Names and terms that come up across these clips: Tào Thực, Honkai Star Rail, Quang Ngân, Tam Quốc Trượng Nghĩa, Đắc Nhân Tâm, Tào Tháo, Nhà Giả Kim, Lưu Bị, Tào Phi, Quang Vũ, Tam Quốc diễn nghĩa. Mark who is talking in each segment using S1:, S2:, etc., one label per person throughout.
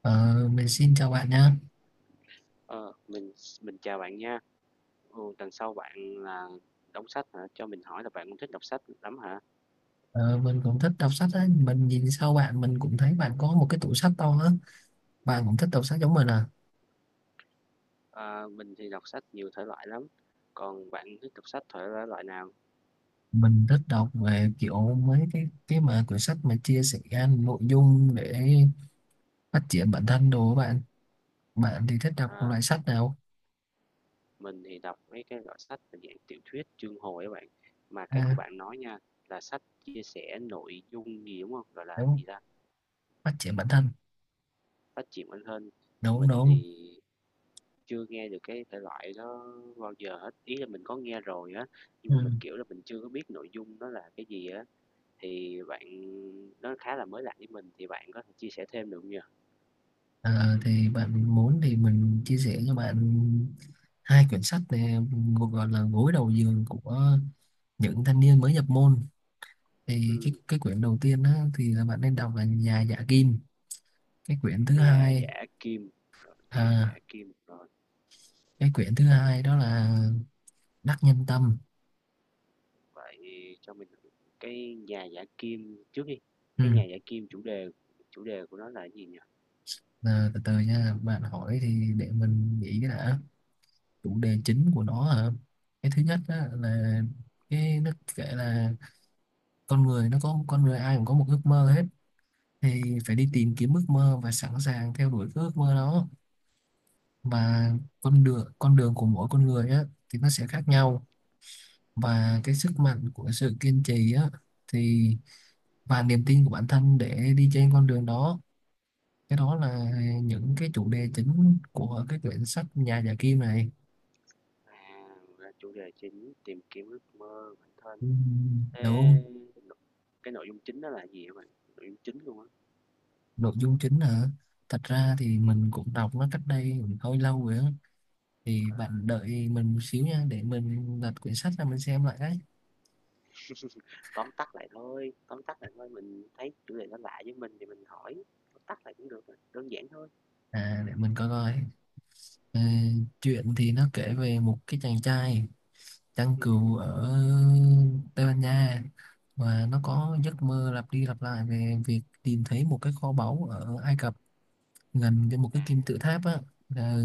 S1: Ờ, mình xin chào bạn nha.
S2: Ờ, mình mình chào bạn nha. Ừ, lần sau bạn là đọc sách hả? Cho mình hỏi là bạn cũng thích đọc sách lắm hả?
S1: Ờ, mình cũng thích đọc sách á. Mình nhìn sau bạn mình cũng thấy bạn có một cái tủ sách to á. Bạn cũng thích đọc sách giống mình à?
S2: Ờ, mình thì đọc sách nhiều thể loại lắm. Còn bạn thích đọc sách thể loại nào?
S1: Mình thích đọc về kiểu mấy cái mà quyển sách mà chia sẻ nội dung để phát triển bản thân đồ của bạn. Bạn thì thích đọc
S2: Ờ,
S1: loại sách nào?
S2: mình thì đọc mấy cái loại sách là dạng tiểu thuyết, chương hồi á bạn. Mà cái của
S1: À,
S2: bạn nói nha, là sách chia sẻ nội dung gì đúng không? Gọi là cái
S1: đúng,
S2: gì ta?
S1: phát triển bản thân.
S2: Sách truyện Anh Hên.
S1: Đúng
S2: Mình
S1: đúng.
S2: thì chưa nghe được cái thể loại đó bao giờ hết. Ý là mình có nghe rồi á, nhưng
S1: Ừ.
S2: mà mình kiểu là mình chưa có biết nội dung nó là cái gì á. Thì bạn Nó khá là mới lạ với mình, thì bạn có thể chia sẻ thêm được không nhỉ?
S1: Ờ, thì bạn muốn thì mình chia sẻ cho bạn hai quyển sách này, một gọi là gối đầu giường của những thanh niên mới nhập môn. Thì cái
S2: Ừm,
S1: cái quyển đầu tiên á, thì là bạn nên đọc là Nhà Dạ Kim. cái quyển thứ
S2: Nhà
S1: hai
S2: giả kim, nhà giả
S1: à
S2: kim, rồi.
S1: cái quyển thứ hai đó là Đắc Nhân Tâm.
S2: Vậy cho mình cái nhà giả kim trước đi.
S1: Ừ.
S2: Cái nhà giả kim chủ đề của nó là cái gì nhỉ?
S1: Là từ từ nha, bạn hỏi thì để mình nghĩ cái đã. Chủ đề chính của nó hả? Cái thứ nhất á, là cái nó kể là con người nó có con người ai cũng có một ước mơ hết, thì phải đi tìm kiếm ước mơ và sẵn sàng theo đuổi cái ước mơ đó. Và con đường của mỗi con người á, thì nó sẽ khác nhau. Và cái sức mạnh của sự kiên trì á, thì và niềm tin của bản thân để đi trên con đường đó. Cái đó là những cái chủ đề chính của cái quyển sách Nhà Giả Kim này.
S2: À, ra chủ đề chính tìm kiếm ước mơ bản thân.
S1: Đúng không?
S2: Thế cái nội dung chính đó là gì hả bạn? Nội dung chính luôn á?
S1: Nội dung chính là thật ra thì
S2: Ừm,
S1: mình cũng đọc nó cách đây cũng hơi lâu rồi á, thì bạn đợi mình một xíu nha, để mình lật quyển sách ra mình xem lại đấy.
S2: Tóm tắt lại thôi, tóm tắt lại thôi, mình thấy chủ đề nó lạ với mình thì mình hỏi, tóm tắt lại cũng được mà, đơn giản thôi.
S1: À, để mình coi coi. Ờ, Chuyện thì nó kể về một cái chàng trai chăn
S2: Ừm,
S1: cừu ở Tây Ban Nha, và nó có giấc mơ lặp đi lặp lại về việc tìm thấy một cái kho báu ở Ai Cập, gần với một cái kim tự tháp á. Là-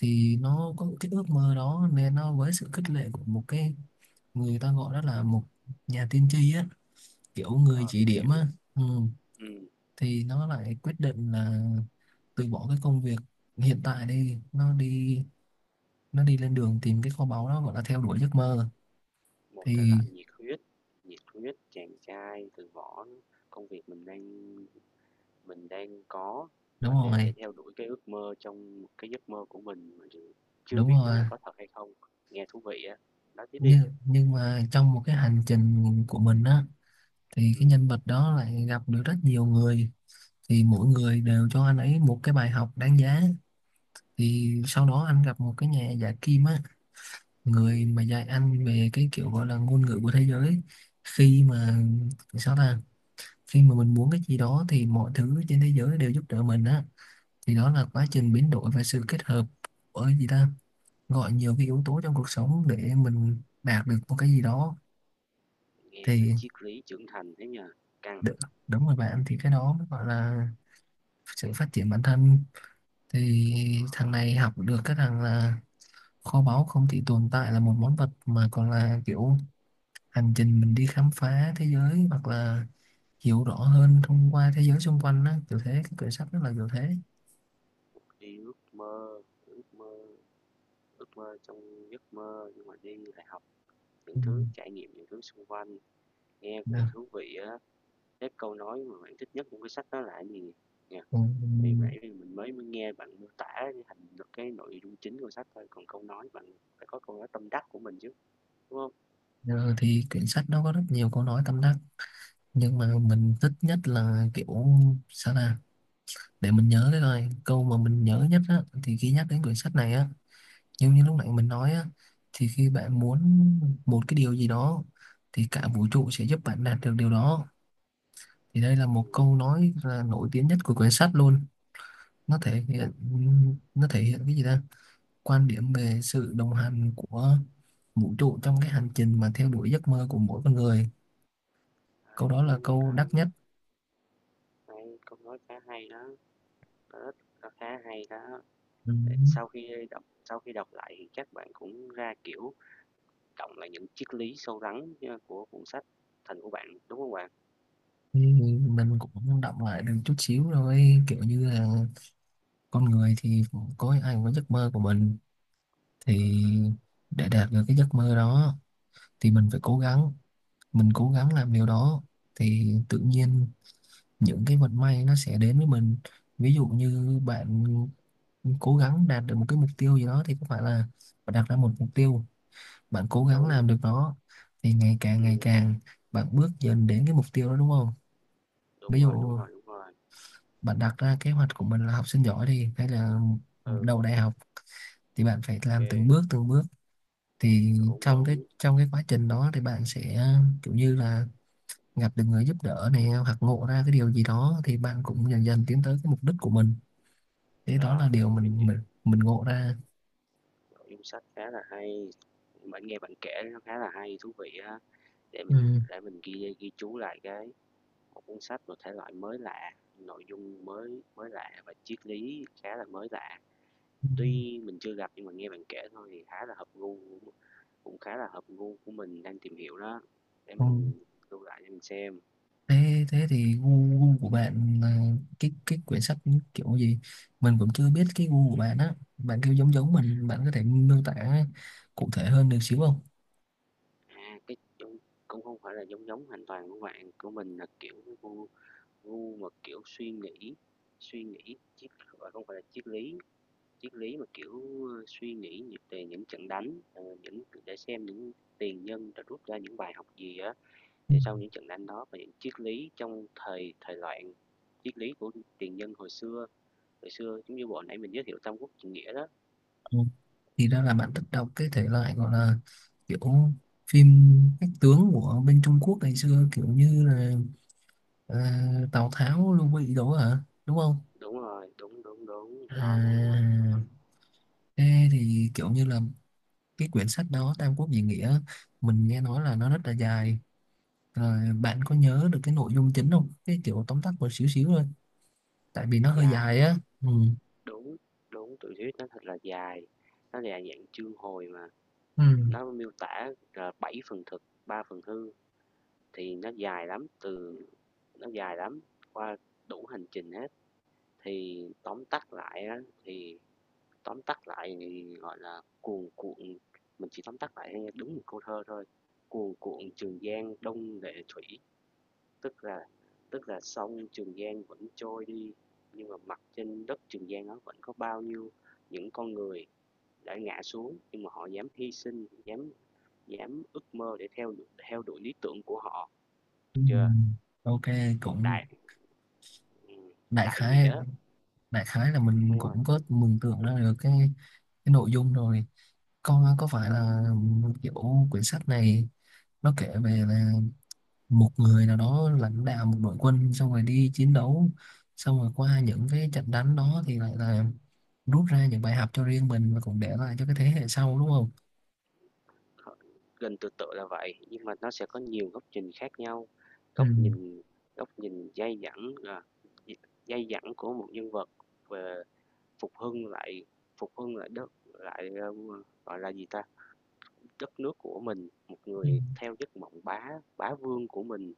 S1: thì nó có một cái ước mơ đó, nên nó với sự khích lệ của một cái, người ta gọi đó là một nhà tiên tri á, kiểu người
S2: rồi,
S1: chỉ
S2: mình
S1: điểm
S2: hiểu.
S1: á. Ừ.
S2: Ừm,
S1: Thì nó lại quyết định là từ bỏ cái công việc hiện tại, đi nó đi lên đường tìm cái kho báu đó, gọi là theo đuổi giấc mơ.
S2: Một thể
S1: Thì
S2: loại nhiệt huyết chàng trai từ bỏ công việc mình đang có
S1: đúng
S2: và để
S1: rồi,
S2: theo đuổi cái ước mơ trong cái giấc mơ của mình mà chưa chưa
S1: đúng
S2: biết nó
S1: rồi.
S2: là có thật hay không. Nghe thú vị á, nói tiếp đi.
S1: Nhưng mà trong một cái hành trình của mình á, thì cái
S2: Ừm,
S1: nhân vật đó lại gặp được rất nhiều người, thì mỗi người đều cho anh ấy một cái bài học đáng giá. Thì sau đó anh gặp một cái nhà giả kim á, người
S2: ừm,
S1: mà dạy anh về cái kiểu gọi là ngôn ngữ của thế giới. Khi mà, sao ta, khi mà mình muốn cái gì đó thì mọi thứ trên thế giới đều giúp đỡ mình á. Thì đó là quá trình biến đổi và sự kết hợp của, gì ta, gọi nhiều cái yếu tố trong cuộc sống để mình đạt được một cái gì đó.
S2: Nghe nó
S1: Thì
S2: triết lý trưởng thành thế nhờ, căng.
S1: Đ- đúng rồi bạn, thì cái đó mới gọi là sự phát triển bản thân. Thì thằng này học được cái thằng là kho báu không chỉ tồn tại là một món vật, mà còn là kiểu hành trình mình đi khám phá thế giới, hoặc là hiểu rõ hơn thông qua thế giới xung quanh đó, kiểu thế. Cái quyển sách rất là kiểu thế.
S2: Đi ước mơ, ước mơ, ước mơ trong giấc mơ nhưng mà đi lại học những
S1: Ừ.
S2: thứ, trải nghiệm những thứ xung quanh, nghe
S1: Nè,
S2: cũng thú vị á. Cái câu nói mà bạn thích nhất trong cái sách đó là cái gì nhỉ?
S1: còn
S2: Thì nãy mình mới mới nghe bạn mô tả thành được cái nội dung chính của sách thôi, còn câu nói bạn phải có câu nói tâm đắc của mình chứ, đúng không?
S1: giờ thì quyển sách nó có rất nhiều câu nói tâm đắc, nhưng mà mình thích nhất là kiểu, sao là, để mình nhớ cái coi câu mà mình nhớ nhất á, thì khi nhắc đến quyển sách này á, nhưng như lúc nãy mình nói á, thì khi bạn muốn một cái điều gì đó thì cả vũ trụ sẽ giúp bạn đạt được điều đó. Thì đây là một câu nói là nổi tiếng nhất của quyển sách luôn. Nó thể hiện nó thể hiện cái gì ta, quan điểm về sự đồng hành của vũ trụ trong cái hành trình mà theo đuổi giấc mơ của mỗi con người. Câu
S2: Hay,
S1: đó là câu đắt nhất.
S2: hay, hay, câu nói khá hay đó, nó khá hay đó.
S1: Ừ.
S2: Sau khi đọc lại thì chắc bạn cũng ra, kiểu, cộng lại những triết lý sâu rắn của cuốn sách thành của bạn, đúng không bạn?
S1: Thì mình cũng đọc lại được chút xíu rồi, kiểu như là con người thì có ai cũng có giấc mơ của mình, thì để đạt được cái giấc mơ đó thì mình phải cố gắng, mình cố gắng làm điều đó, thì tự nhiên những cái vận may nó sẽ đến với mình. Ví dụ như bạn cố gắng đạt được một cái mục tiêu gì đó, thì không phải là bạn đặt ra một mục tiêu, bạn cố gắng
S2: Đúng,
S1: làm được nó, thì ngày
S2: ừm,
S1: càng bạn bước dần đến cái mục tiêu đó, đúng không? Ví
S2: đúng rồi, đúng
S1: dụ
S2: rồi, đúng rồi.
S1: bạn đặt ra kế hoạch của mình là học sinh giỏi đi, hay là
S2: Ừ,
S1: đầu đại học, thì bạn phải làm từng
S2: OK,
S1: bước từng bước. Thì
S2: đúng,
S1: trong cái
S2: đúng.
S1: trong cái quá trình đó thì bạn sẽ kiểu như là gặp được người giúp đỡ này, hoặc ngộ ra cái điều gì đó, thì bạn cũng dần dần tiến tới cái mục đích của mình. Thế đó là điều
S2: Rồi,
S1: mình ngộ ra.
S2: nội dung sách khá là hay, bạn nghe bạn kể nó khá là hay, thú vị á. Để
S1: Ừ.
S2: mình để mình ghi ghi chú lại cái một cuốn sách một thể loại mới lạ, nội dung mới mới lạ và triết lý khá là mới lạ.
S1: Ừ.
S2: Tuy mình chưa gặp nhưng mà nghe bạn kể thôi thì khá là hợp gu cũng khá là hợp gu của mình đang tìm hiểu đó. Để
S1: Ừ.
S2: mình lưu lại để mình xem.
S1: thế thế thì gu gu của bạn là cái quyển sách kiểu gì, mình cũng chưa biết cái gu của bạn á. Bạn kêu giống giống mình, bạn có thể miêu tả cụ thể hơn được xíu không?
S2: À, cái cũng không phải là giống giống hoàn toàn của bạn, của mình là kiểu gu gu mà kiểu suy nghĩ triết không phải là triết lý. Triết lý mà, kiểu, suy nghĩ về những trận đánh, những để xem những tiền nhân đã rút ra những bài học gì á, để sau những trận đánh đó và những triết lý trong thời thời loạn, triết lý của tiền nhân hồi xưa. Hồi xưa giống như bọn nãy mình giới thiệu Tam Quốc Trượng Nghĩa đó.
S1: Ừ. Thì ra là bạn thích đọc cái thể loại gọi là kiểu phim cách tướng của bên Trung Quốc ngày xưa, kiểu như là, à, Tào Tháo, Lưu Bị đó hả, đúng không?
S2: Đúng rồi, đúng, đúng, đúng, nó nó nó
S1: À,
S2: nó
S1: thế thì kiểu như là cái quyển sách đó Tam Quốc Diễn Nghĩa, mình nghe nói là nó rất là dài. Rồi bạn có nhớ được cái nội dung chính không, cái kiểu tóm tắt một xíu xíu thôi, tại vì nó hơi dài
S2: dài,
S1: á. Ừ.
S2: đúng, đúng, tiểu thuyết nó thật là dài, nó là dạng chương hồi mà,
S1: Ừ.
S2: nó miêu tả, 7 phần thực, 3 phần hư. Thì nó dài lắm qua đủ hành trình hết. Thì tóm tắt lại á, thì tóm tắt lại thì gọi là cuồn cuộn, mình chỉ tóm tắt lại đúng một câu thơ thôi: cuồn cuộn Trường Giang đông lệ thủy, tức là tức là sông Trường Giang vẫn trôi đi, nhưng mà mặt trên đất Trường Giang đó vẫn có bao nhiêu những con người đã ngã xuống, nhưng mà họ dám hy sinh, dám dám ước mơ để theo theo đuổi lý tưởng của họ. Được
S1: Ừ.
S2: chưa?
S1: OK, cũng
S2: Đại. Ừm,
S1: đại
S2: đại
S1: khái
S2: nghĩa,
S1: đại khái là mình
S2: đúng rồi.
S1: cũng có mường tượng ra được cái nội dung rồi. Con có phải là kiểu quyển sách này nó kể về là một người nào đó lãnh đạo một đội quân, xong rồi đi chiến đấu, xong rồi qua những cái trận đánh đó thì lại là rút ra những bài học cho riêng mình, và cũng để lại cho cái thế hệ sau, đúng không?
S2: h Gần tương tự là vậy, nhưng mà nó sẽ có nhiều góc nhìn khác nhau,
S1: Ừ.
S2: góc nhìn góc nhìn dai dẳng, à, d dai dẳng của một nhân vật về phục hưng lại phục hưng lại đất lại, gọi là gì ta, đất nước của mình, một
S1: Ừ.
S2: người theo giấc mộng bá bá vương của mình,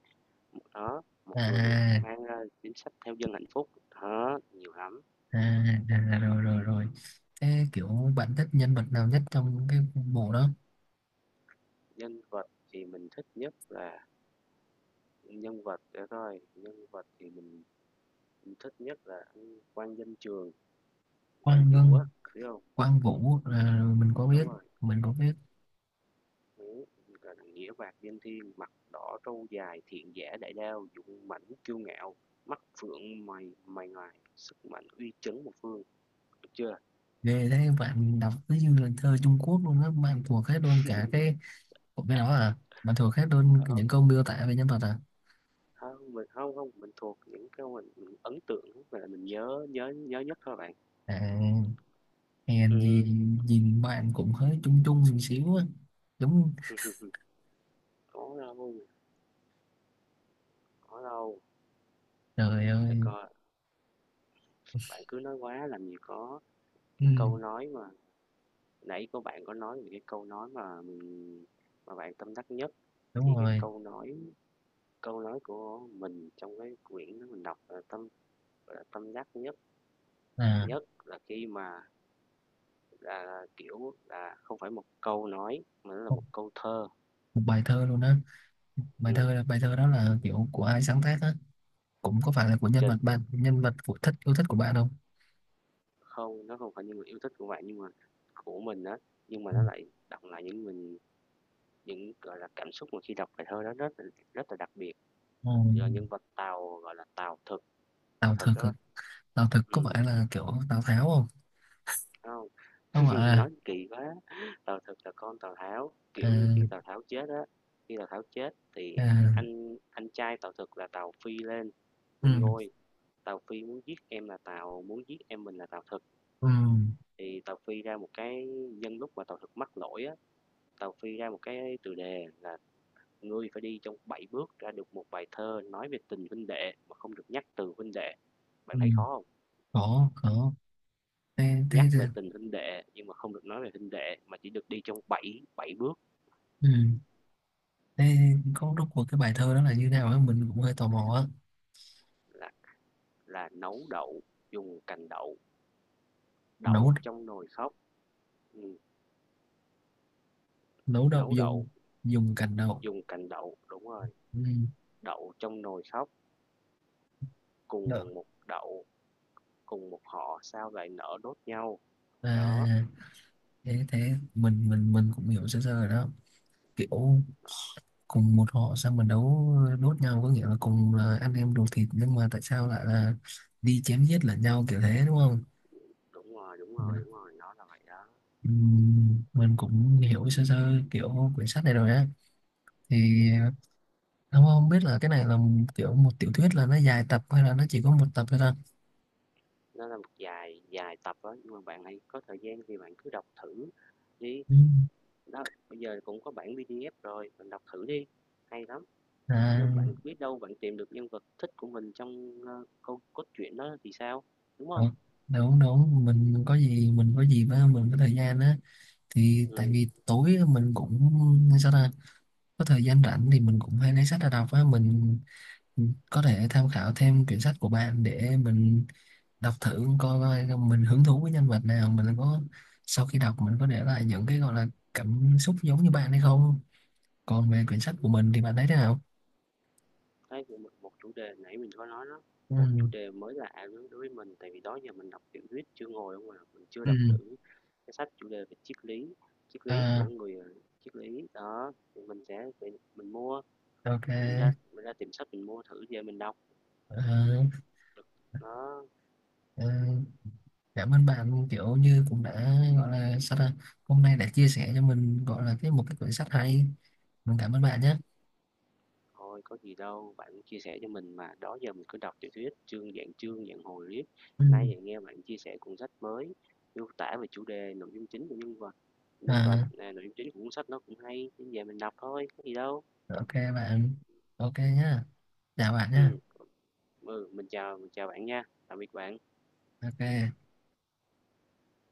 S2: đó, một người
S1: à,
S2: mang ra chính sách theo dân hạnh phúc, đó, nhiều lắm.
S1: à, à, rồi rồi rồi, thế kiểu bạn thích nhân vật nào nhất trong cái bộ đó?
S2: Nhân vật thì mình thích nhất là nhân vật để coi. Nhân vật thì mình thích nhất là anh quang danh trường, quang
S1: Quang
S2: vũ
S1: Ngân,
S2: á, biết không?
S1: Quang Vũ à, mình có biết,
S2: Đúng rồi,
S1: mình có biết.
S2: Huế, là nghĩa vạc danh thiên, mặt đỏ trâu dài, thiện giả đại đao, dũng mãnh kiêu ngạo, mắt phượng mày mày ngoài, sức mạnh uy chấn một phương, được chưa?
S1: Ghê thế, bạn đọc cứ như là thơ Trung Quốc luôn á. Bạn thuộc hết luôn cả cái của cái đó à? Bạn thuộc hết luôn
S2: Hông,
S1: những câu miêu tả về nhân vật à?
S2: hông, mình không không mình thuộc những cái mình ấn tượng và mình nhớ nhớ nhớ nhất thôi bạn.
S1: À, hèn gì
S2: Ừm,
S1: nhìn bạn cũng hơi trung trung một xíu á. Đúng.
S2: có đâu, có đâu,
S1: Trời
S2: để
S1: ơi.
S2: coi, bạn cứ nói quá làm gì có.
S1: Ừ,
S2: Cái câu nói mà nãy có bạn có nói về cái câu nói mà bạn tâm đắc nhất,
S1: đúng
S2: thì cái
S1: rồi.
S2: câu nói của mình trong cái quyển đó mình đọc là tâm đắc nhất
S1: À
S2: nhất là khi mà là kiểu là không phải một câu nói mà nó là
S1: không,
S2: một câu thơ
S1: một bài thơ luôn á. bài
S2: ừ.
S1: thơ bài thơ đó là kiểu của ai sáng tác á? Cũng có phải là của nhân
S2: trên
S1: vật bạn, nhân vật của thích yêu thích của bạn không?
S2: Không, nó không phải những người yêu thích của bạn nhưng mà của mình á, nhưng mà
S1: Ừ.
S2: nó lại đọc lại những gọi là cảm xúc mà khi đọc bài thơ đó rất rất là đặc biệt,
S1: Ừ,
S2: do nhân vật Tào gọi là tàu thực, tàu
S1: Tào
S2: thực
S1: Thực à?
S2: đó
S1: Tàu thực
S2: ừ.
S1: có
S2: Đúng
S1: phải là kiểu Tào Tháo không?
S2: không?
S1: Không phải à,
S2: Nói kỳ quá, thực là con Tào Tháo,
S1: à,
S2: kiểu như, khi Tào Tháo chết thì
S1: à,
S2: anh trai Tào Thực là Tào Phi lên
S1: ừ,
S2: lên ngôi, Tào Phi muốn giết em mình là Tào Thực.
S1: ừ,
S2: Thì Tào Phi ra một cái nhân lúc mà Tào Thực mắc lỗi á, Tào Phi ra một cái từ đề là: ngươi phải đi trong 7 bước ra được một bài thơ nói về tình huynh đệ mà không được nhắc từ huynh đệ. Bạn
S1: ừ,
S2: thấy khó không?
S1: khổ, khổ. Thế,
S2: Nhắc về tình huynh đệ nhưng mà không được nói về huynh đệ mà chỉ được đi trong 7 7 bước.
S1: ừ, thế có trúc của cái bài thơ đó là như nào á? Mình cũng hơi tò mò á.
S2: Là là nấu đậu, dùng cành đậu,
S1: Nấu,
S2: đậu trong nồi khóc. ừm,
S1: nấu đậu
S2: Nấu
S1: dùng,
S2: đậu,
S1: dùng cành đậu.
S2: dùng cành đậu, đúng rồi.
S1: Ừ,
S2: Đậu trong nồi khóc,
S1: đậu.
S2: cùng một đậu, cùng một họ sao lại nở đốt nhau. Đó,
S1: À, thế, thế, mình cũng hiểu sơ sơ rồi đó. Kiểu
S2: đó
S1: cùng một họ sao mà đấu đốt nhau, có nghĩa là cùng là anh em ruột thịt nhưng mà tại sao lại là đi chém giết lẫn nhau, kiểu thế, đúng không?
S2: đúng rồi, đúng
S1: Ừ.
S2: rồi, đúng rồi, nó là vậy đó.
S1: Mình cũng hiểu sơ sơ kiểu quyển sách này rồi á. Thì không không biết là cái này là, kiểu một tiểu thuyết là nó dài tập, hay là nó chỉ có một tập thôi ta.
S2: Nó là một dài dài tập đó, nhưng mà bạn hãy có thời gian thì bạn cứ đọc thử đi.
S1: Ừm.
S2: Đó bây giờ cũng có bản PDF rồi, bạn đọc thử đi, hay lắm. Nếu bạn
S1: à
S2: biết đâu bạn tìm được nhân vật thích của mình trong câu cốt truyện đó thì sao, đúng
S1: ờ,
S2: không
S1: đúng đúng, mình có gì mà mình có thời gian á, thì tại
S2: ừ.
S1: vì tối mình cũng, sao ta, có thời gian rảnh thì mình cũng hay lấy sách ra đọc á mình. Ừ, có thể tham khảo thêm quyển sách của bạn để mình đọc thử, coi coi mình hứng thú với nhân vật nào, mình có, sau khi đọc mình có để lại những cái gọi là cảm xúc giống như bạn hay không. Còn về quyển sách của mình thì bạn thấy thế nào?
S2: Đấy, một một chủ đề nãy mình có nói đó, một chủ
S1: Ừ.
S2: đề mới lạ đối với mình, tại vì đó giờ mình đọc tiểu thuyết chưa ngồi không à, mình chưa đọc
S1: Ừ.
S2: thử cái sách chủ đề về triết lý
S1: À,
S2: của người triết lý. Đó, thì mình mua,
S1: OK.
S2: mình ra tìm sách mình mua thử về mình đọc
S1: à,
S2: được. Đó.
S1: à, cảm ơn bạn, kiểu như cũng đã gọi là, sao ta, hôm nay đã chia sẻ cho mình gọi là cái, một cái quyển sách hay. Mình cảm ơn bạn nhé.
S2: Thôi có gì đâu, bạn chia sẻ cho mình mà, đó giờ mình cứ đọc tiểu thuyết chương, dạng hồi riết.
S1: Ừ.
S2: Nay lại nghe bạn chia sẻ cuốn sách mới, miêu tả về chủ đề, nội dung chính của nhân vật,
S1: À,
S2: à, nội dung chính của cuốn sách nó cũng hay, nên về mình đọc thôi, có gì đâu.
S1: OK bạn, OK nhá, chào bạn nhá.
S2: Ừ, ừ, mình chào bạn nha, tạm biệt bạn.
S1: OK.